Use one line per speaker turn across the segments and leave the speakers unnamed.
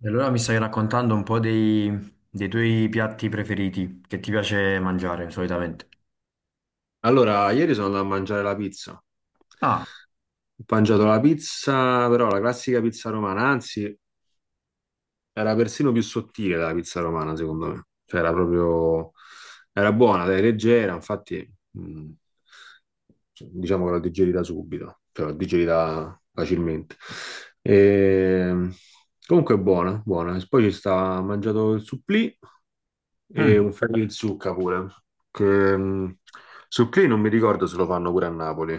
E allora mi stai raccontando un po' dei, dei tuoi piatti preferiti che ti piace mangiare solitamente.
Allora, ieri sono andato a mangiare la pizza.
Ah,
Ho mangiato la pizza, però la classica pizza romana, anzi, era persino più sottile della pizza romana, secondo me. Cioè, era proprio. Era buona, dai, leggera, infatti, diciamo che l'ho digerita subito, cioè l'ho digerita facilmente. E... Comunque è buona, buona. E poi ci sta, ho mangiato il supplì e
mm.
un ferro in zucca pure, che, mh, su Play non mi ricordo se lo fanno pure a Napoli.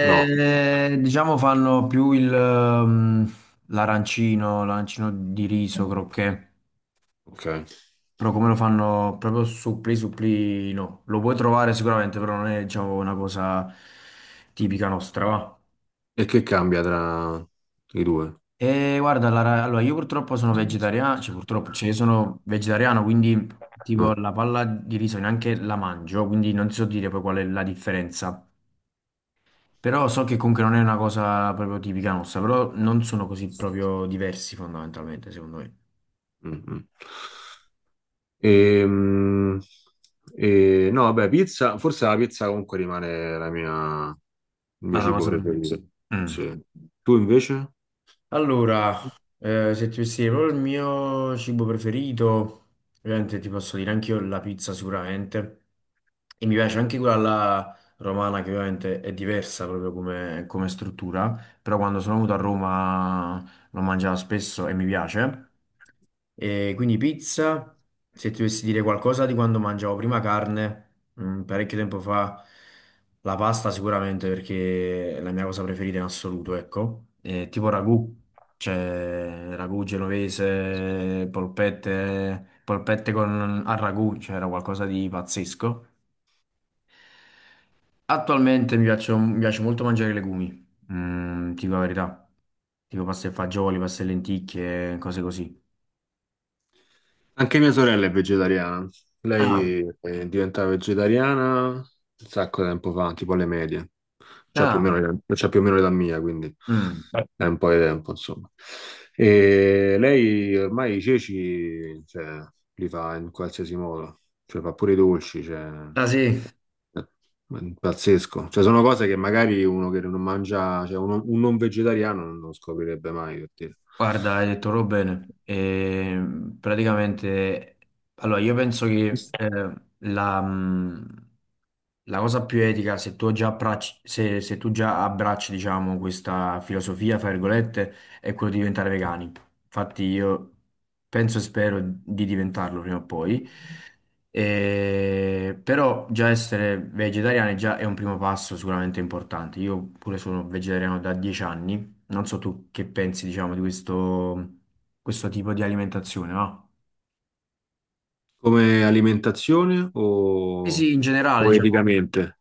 No,
Diciamo fanno più il, mm, l'arancino, l'arancino di riso, croquet,
ok.
però come lo fanno proprio supplì supplì no. Lo puoi trovare sicuramente, però non è diciamo una cosa tipica nostra, va.
E che cambia tra i due?
E guarda, allora io purtroppo sono vegetariano, cioè purtroppo, cioè io sono vegetariano, quindi tipo
Ah,
la palla di riso neanche la mangio, quindi non so dire poi qual è la differenza. Però so che comunque non è una cosa proprio tipica nostra, però non sono così proprio diversi fondamentalmente, secondo me.
mm, mm. E, no, vabbè, pizza, forse la pizza comunque rimane la mia, il mio
Ma la
cibo
cosa per me.
preferito. Sì. Tu invece?
Allora, se ti dovessi dire proprio il mio cibo preferito, ovviamente ti posso dire anche io la pizza sicuramente. E mi piace anche quella alla romana che ovviamente è diversa proprio come, come struttura, però quando sono venuto a Roma l'ho mangiata spesso e mi piace. E quindi pizza, se ti dovessi dire qualcosa di quando mangiavo prima carne mm, parecchio tempo fa la pasta sicuramente perché è la mia cosa preferita in assoluto, ecco. Tipo ragù, cioè ragù genovese, polpette, polpette con, al ragù, cioè era qualcosa di pazzesco. Attualmente mi piace molto mangiare i legumi, mm, ti dico la verità, tipo pasta e fagioli, pasta e lenticchie, cose così.
Anche mia sorella è vegetariana.
Ah,
Lei è diventata vegetariana un sacco di tempo fa, tipo alle medie. C'ha più o meno,
ah,
c'ha più o meno l'età mia, quindi
mm.
è un po' di tempo, insomma. E lei ormai i ceci, cioè, li fa in qualsiasi modo. Cioè, fa pure i dolci, cioè,
Ah sì,
è pazzesco. Cioè, sono cose che magari uno che non mangia, cioè, un non vegetariano non lo scoprirebbe mai, per dire.
guarda, hai detto proprio bene. Praticamente, allora io penso che la, la cosa più etica, se tu già abbracci, se tu già abbracci, diciamo, questa filosofia, fra virgolette, è quello di diventare vegani. Infatti io penso e spero di diventarlo prima o poi. Però già essere vegetariani già è un primo passo sicuramente importante. Io pure sono vegetariano da 10 anni, non so tu che pensi, diciamo, di questo, questo tipo di alimentazione, no?
Come alimentazione
Sì,
o,
sì, in generale,
o
diciamo,
eticamente?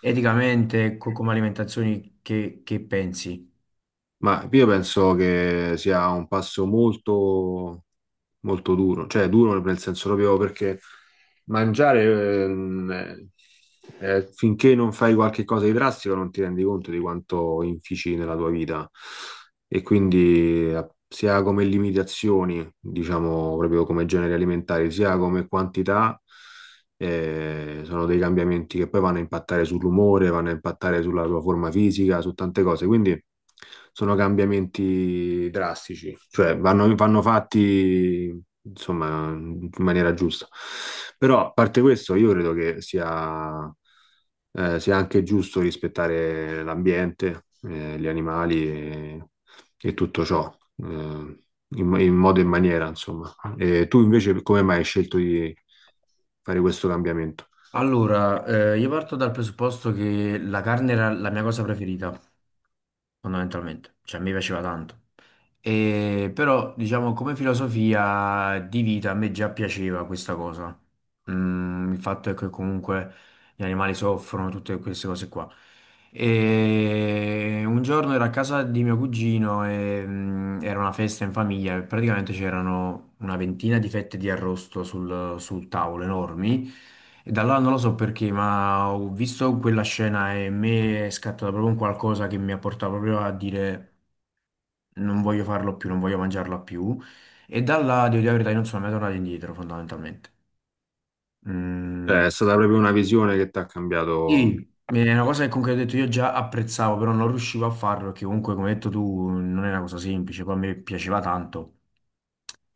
eticamente, come alimentazioni, che pensi?
Ma io penso che sia un passo molto, molto duro, cioè duro nel senso proprio perché mangiare, ehm, finché non fai qualche cosa di drastico non ti rendi conto di quanto infici nella tua vita. E quindi, sia come limitazioni, diciamo proprio come generi alimentari, sia come quantità, sono dei cambiamenti che poi vanno a impattare sull'umore, vanno a impattare sulla tua forma fisica, su tante cose. Quindi sono cambiamenti drastici, cioè vanno fatti insomma in maniera giusta. Però a parte questo, io credo che sia anche giusto rispettare l'ambiente, gli animali e tutto ciò, eh, in, in modo e in maniera, insomma. E tu invece come mai hai scelto di fare questo cambiamento?
Allora, io parto dal presupposto che la carne era la mia cosa preferita, fondamentalmente, cioè a me piaceva tanto. E, però, diciamo, come filosofia di vita a me già piaceva questa cosa. Mm, il fatto è che comunque gli animali soffrono, tutte queste cose qua. E un giorno ero a casa di mio cugino e mm, era una festa in famiglia e praticamente c'erano una ventina di fette di arrosto sul, sul tavolo enormi. E da allora non lo so perché, ma ho visto quella scena e in me è scattato proprio un qualcosa che mi ha portato proprio a dire non voglio farlo più, non voglio mangiarla più. E da là, devo dire la verità, io non sono mai tornato indietro, fondamentalmente. Mm.
Cioè, è stata proprio una visione che ti ha
Sì,
cambiato.
è una cosa che comunque ho detto io già apprezzavo, però non riuscivo a farlo perché comunque, come hai detto tu, non è una cosa semplice, poi a me piaceva tanto,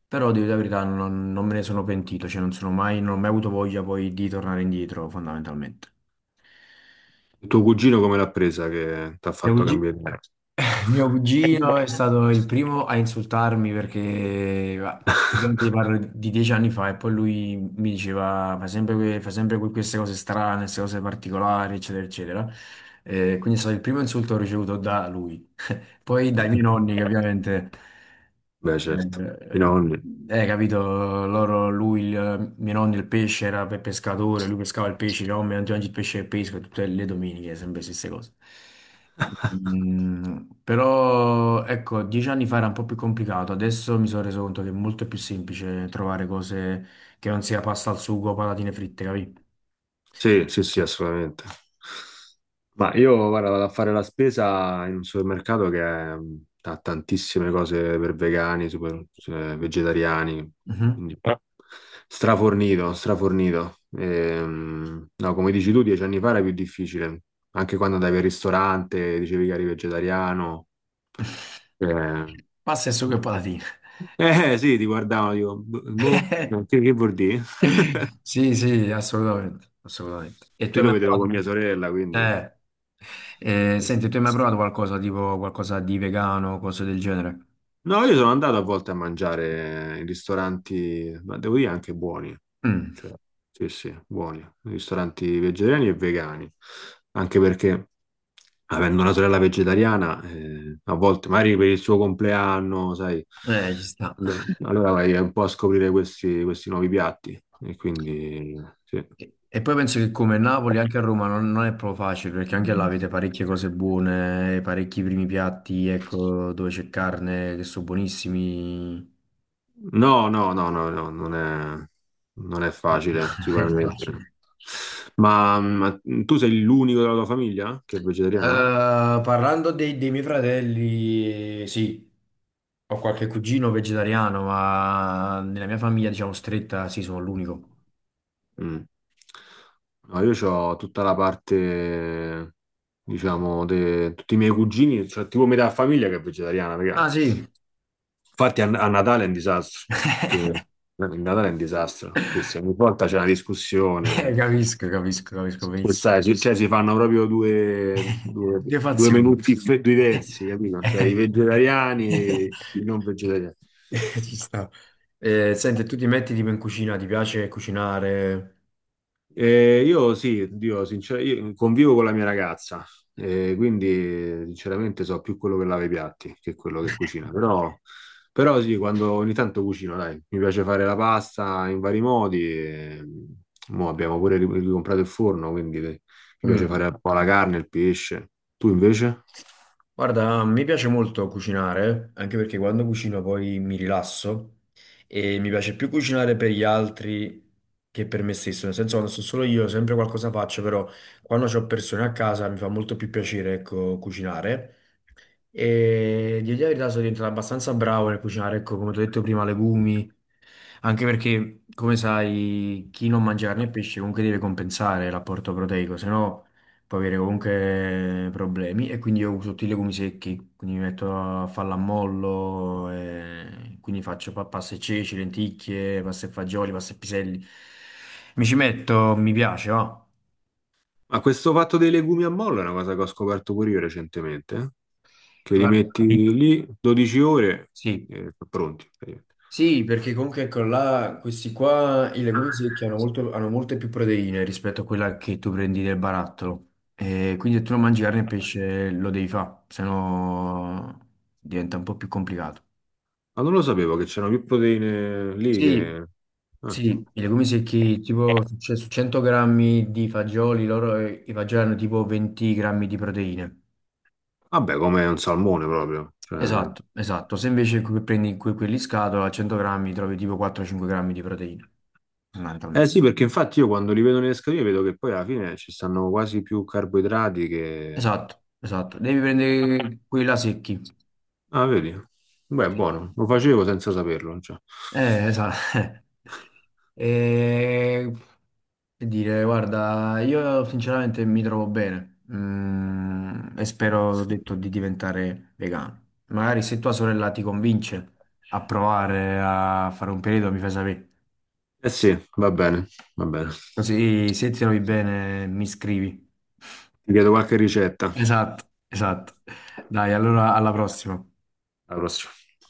però devo dire la verità, non me ne sono pentito, cioè non sono mai, non ho mai avuto voglia poi di tornare indietro, fondamentalmente.
Il tuo cugino come l'ha presa che ti ha
Mio
fatto
cugi-
cambiare idea?
mio cugino è stato il primo a insultarmi perché, va, ovviamente parlo di dieci anni fa e poi lui mi diceva, fai sempre, fai sempre queste cose strane, queste cose particolari, eccetera, eccetera. Quindi è stato il primo insulto che ho ricevuto da lui. Poi dai miei nonni che ovviamente,
Beh, certo, i
eh,
nonni.
capito, loro, lui, il, mio nonno il pesce era per pescatore, lui pescava il pesce, no, non ti mangi il pesce che pesco, tutte le domeniche, sempre le stesse cose. Mm, però, ecco, dieci anni fa era un po' più complicato, adesso mi sono reso conto che è molto più semplice trovare cose che non sia pasta al sugo o patatine fritte, capito?
Sì, sì, sì, assolutamente. Ma io, guarda, vado a fare la spesa in un supermercato ha tantissime cose per vegani, super, cioè, vegetariani,
Mhm.
quindi, strafornito, strafornito. No, come dici tu, 10 anni fa era più difficile, anche quando andavi al ristorante, dicevi che eri vegetariano. Eh,
Pasta e sugo e patatine.
eh, sì, ti guardavano, dico, boh, boh, che vuol dire?
Sì, sì, assolutamente, assolutamente. E tu
Io
hai
lo
mai
vedevo
provato?
con mia sorella, quindi.
Eh,
Eh
senti,
sì.
tu hai mai provato qualcosa tipo qualcosa di vegano, cose del genere?
No, io sono andato a volte a mangiare in ristoranti, ma devo dire anche buoni,
Mm,
cioè, sì, sì, buoni, ristoranti vegetariani e vegani, anche perché avendo una sorella vegetariana, a volte magari per il suo compleanno, sai,
ci sta.
no, allora vai un po' a scoprire questi nuovi piatti, e quindi sì.
E poi penso che come Napoli, anche a Roma non, non è proprio facile, perché anche là avete parecchie cose buone, parecchi primi piatti, ecco, dove c'è carne che sono buonissimi.
No, no, no, no, no, non è
Non
facile,
è
sicuramente.
facile.
Ma tu sei l'unico della tua famiglia che è vegetariano?
Parlando dei, dei miei fratelli, sì. Ho qualche cugino vegetariano, ma nella mia famiglia, diciamo, stretta, sì, sono l'unico.
Mm. No, io ho tutta la parte, diciamo, tutti i miei cugini, cioè tipo metà famiglia che è vegetariana, raga.
Ah, sì,
Infatti a Natale è un disastro, che, eh, il Natale è un disastro, sì, sì, ogni volta c'è una
eh,
discussione.
capisco, capisco, capisco benissimo.
Questa è, cioè, si fanno proprio due, due,
Due
due menù
fazioni.
diversi, capito? Cioè i vegetariani e i non vegetariani.
Ci sta. Senti, tu ti metti tipo in cucina, ti piace cucinare?
Io sì, Dio, sinceramente, io convivo con la mia ragazza, quindi, sinceramente so più quello che lava i piatti che quello che cucina, però, sì, quando ogni tanto cucino, dai, mi piace fare la pasta in vari modi, e, mo abbiamo pure ricomprato il forno, quindi, mi piace
Mm.
fare un po' la carne, il pesce. Tu invece?
Guarda, mi piace molto cucinare, anche perché quando cucino poi mi rilasso. E mi piace più cucinare per gli altri che per me stesso, nel senso quando sto solo io sempre qualcosa faccio, però quando ho persone a casa mi fa molto più piacere, ecco, cucinare. E di dire la verità sono diventato abbastanza bravo nel cucinare, ecco, come ti ho detto prima, legumi, anche perché, come sai, chi non mangia carne e pesce comunque deve compensare l'apporto proteico, se no può avere comunque problemi. E quindi io uso tutti i legumi secchi, quindi mi metto a fallammollo, e quindi faccio pasta e ceci, lenticchie, pasta e fagioli, pasta e piselli. Mi ci metto, mi piace, va.
Ma questo fatto dei legumi a mollo è una cosa che ho scoperto pure io recentemente, eh. Che li metti
Guarda,
Sì. lì 12 ore
sì.
e sono pronti. Praticamente.
Sì, perché comunque ecco là, questi qua, i legumi secchi hanno, hanno molte più proteine rispetto a quella che tu prendi del barattolo. E quindi se tu non mangi carne e pesce lo devi fare, sennò diventa un po' più complicato.
Ma non lo sapevo che c'erano più proteine lì,
Sì,
eh.
sì, i legumi secchi, tipo su 100 grammi di fagioli, loro, i fagioli hanno tipo 20 grammi di proteine.
Vabbè, come un salmone proprio, cioè.
Esatto, esatto. Se invece prendi quelli in scatola, a 100 grammi trovi tipo 4-5 grammi di proteine,
Eh
fondamentalmente.
sì, perché infatti io quando li vedo nelle scatole vedo che poi alla fine ci stanno quasi più carboidrati.
Esatto, esatto. Devi prendere quelli là secchi.
Ah, vedi? Beh,
Sì.
buono, lo facevo senza saperlo, cioè.
Esatto. E che dire, guarda, io sinceramente mi trovo bene. Mm, e spero, ho detto, di diventare vegano. Magari se tua sorella ti convince a provare a fare un periodo, mi fai sapere.
Eh sì, va bene, va bene.
Così se ti trovi bene, mi scrivi.
Ti chiedo qualche ricetta.
Esatto, esatto. Dai, allora alla prossima.
Alla prossima.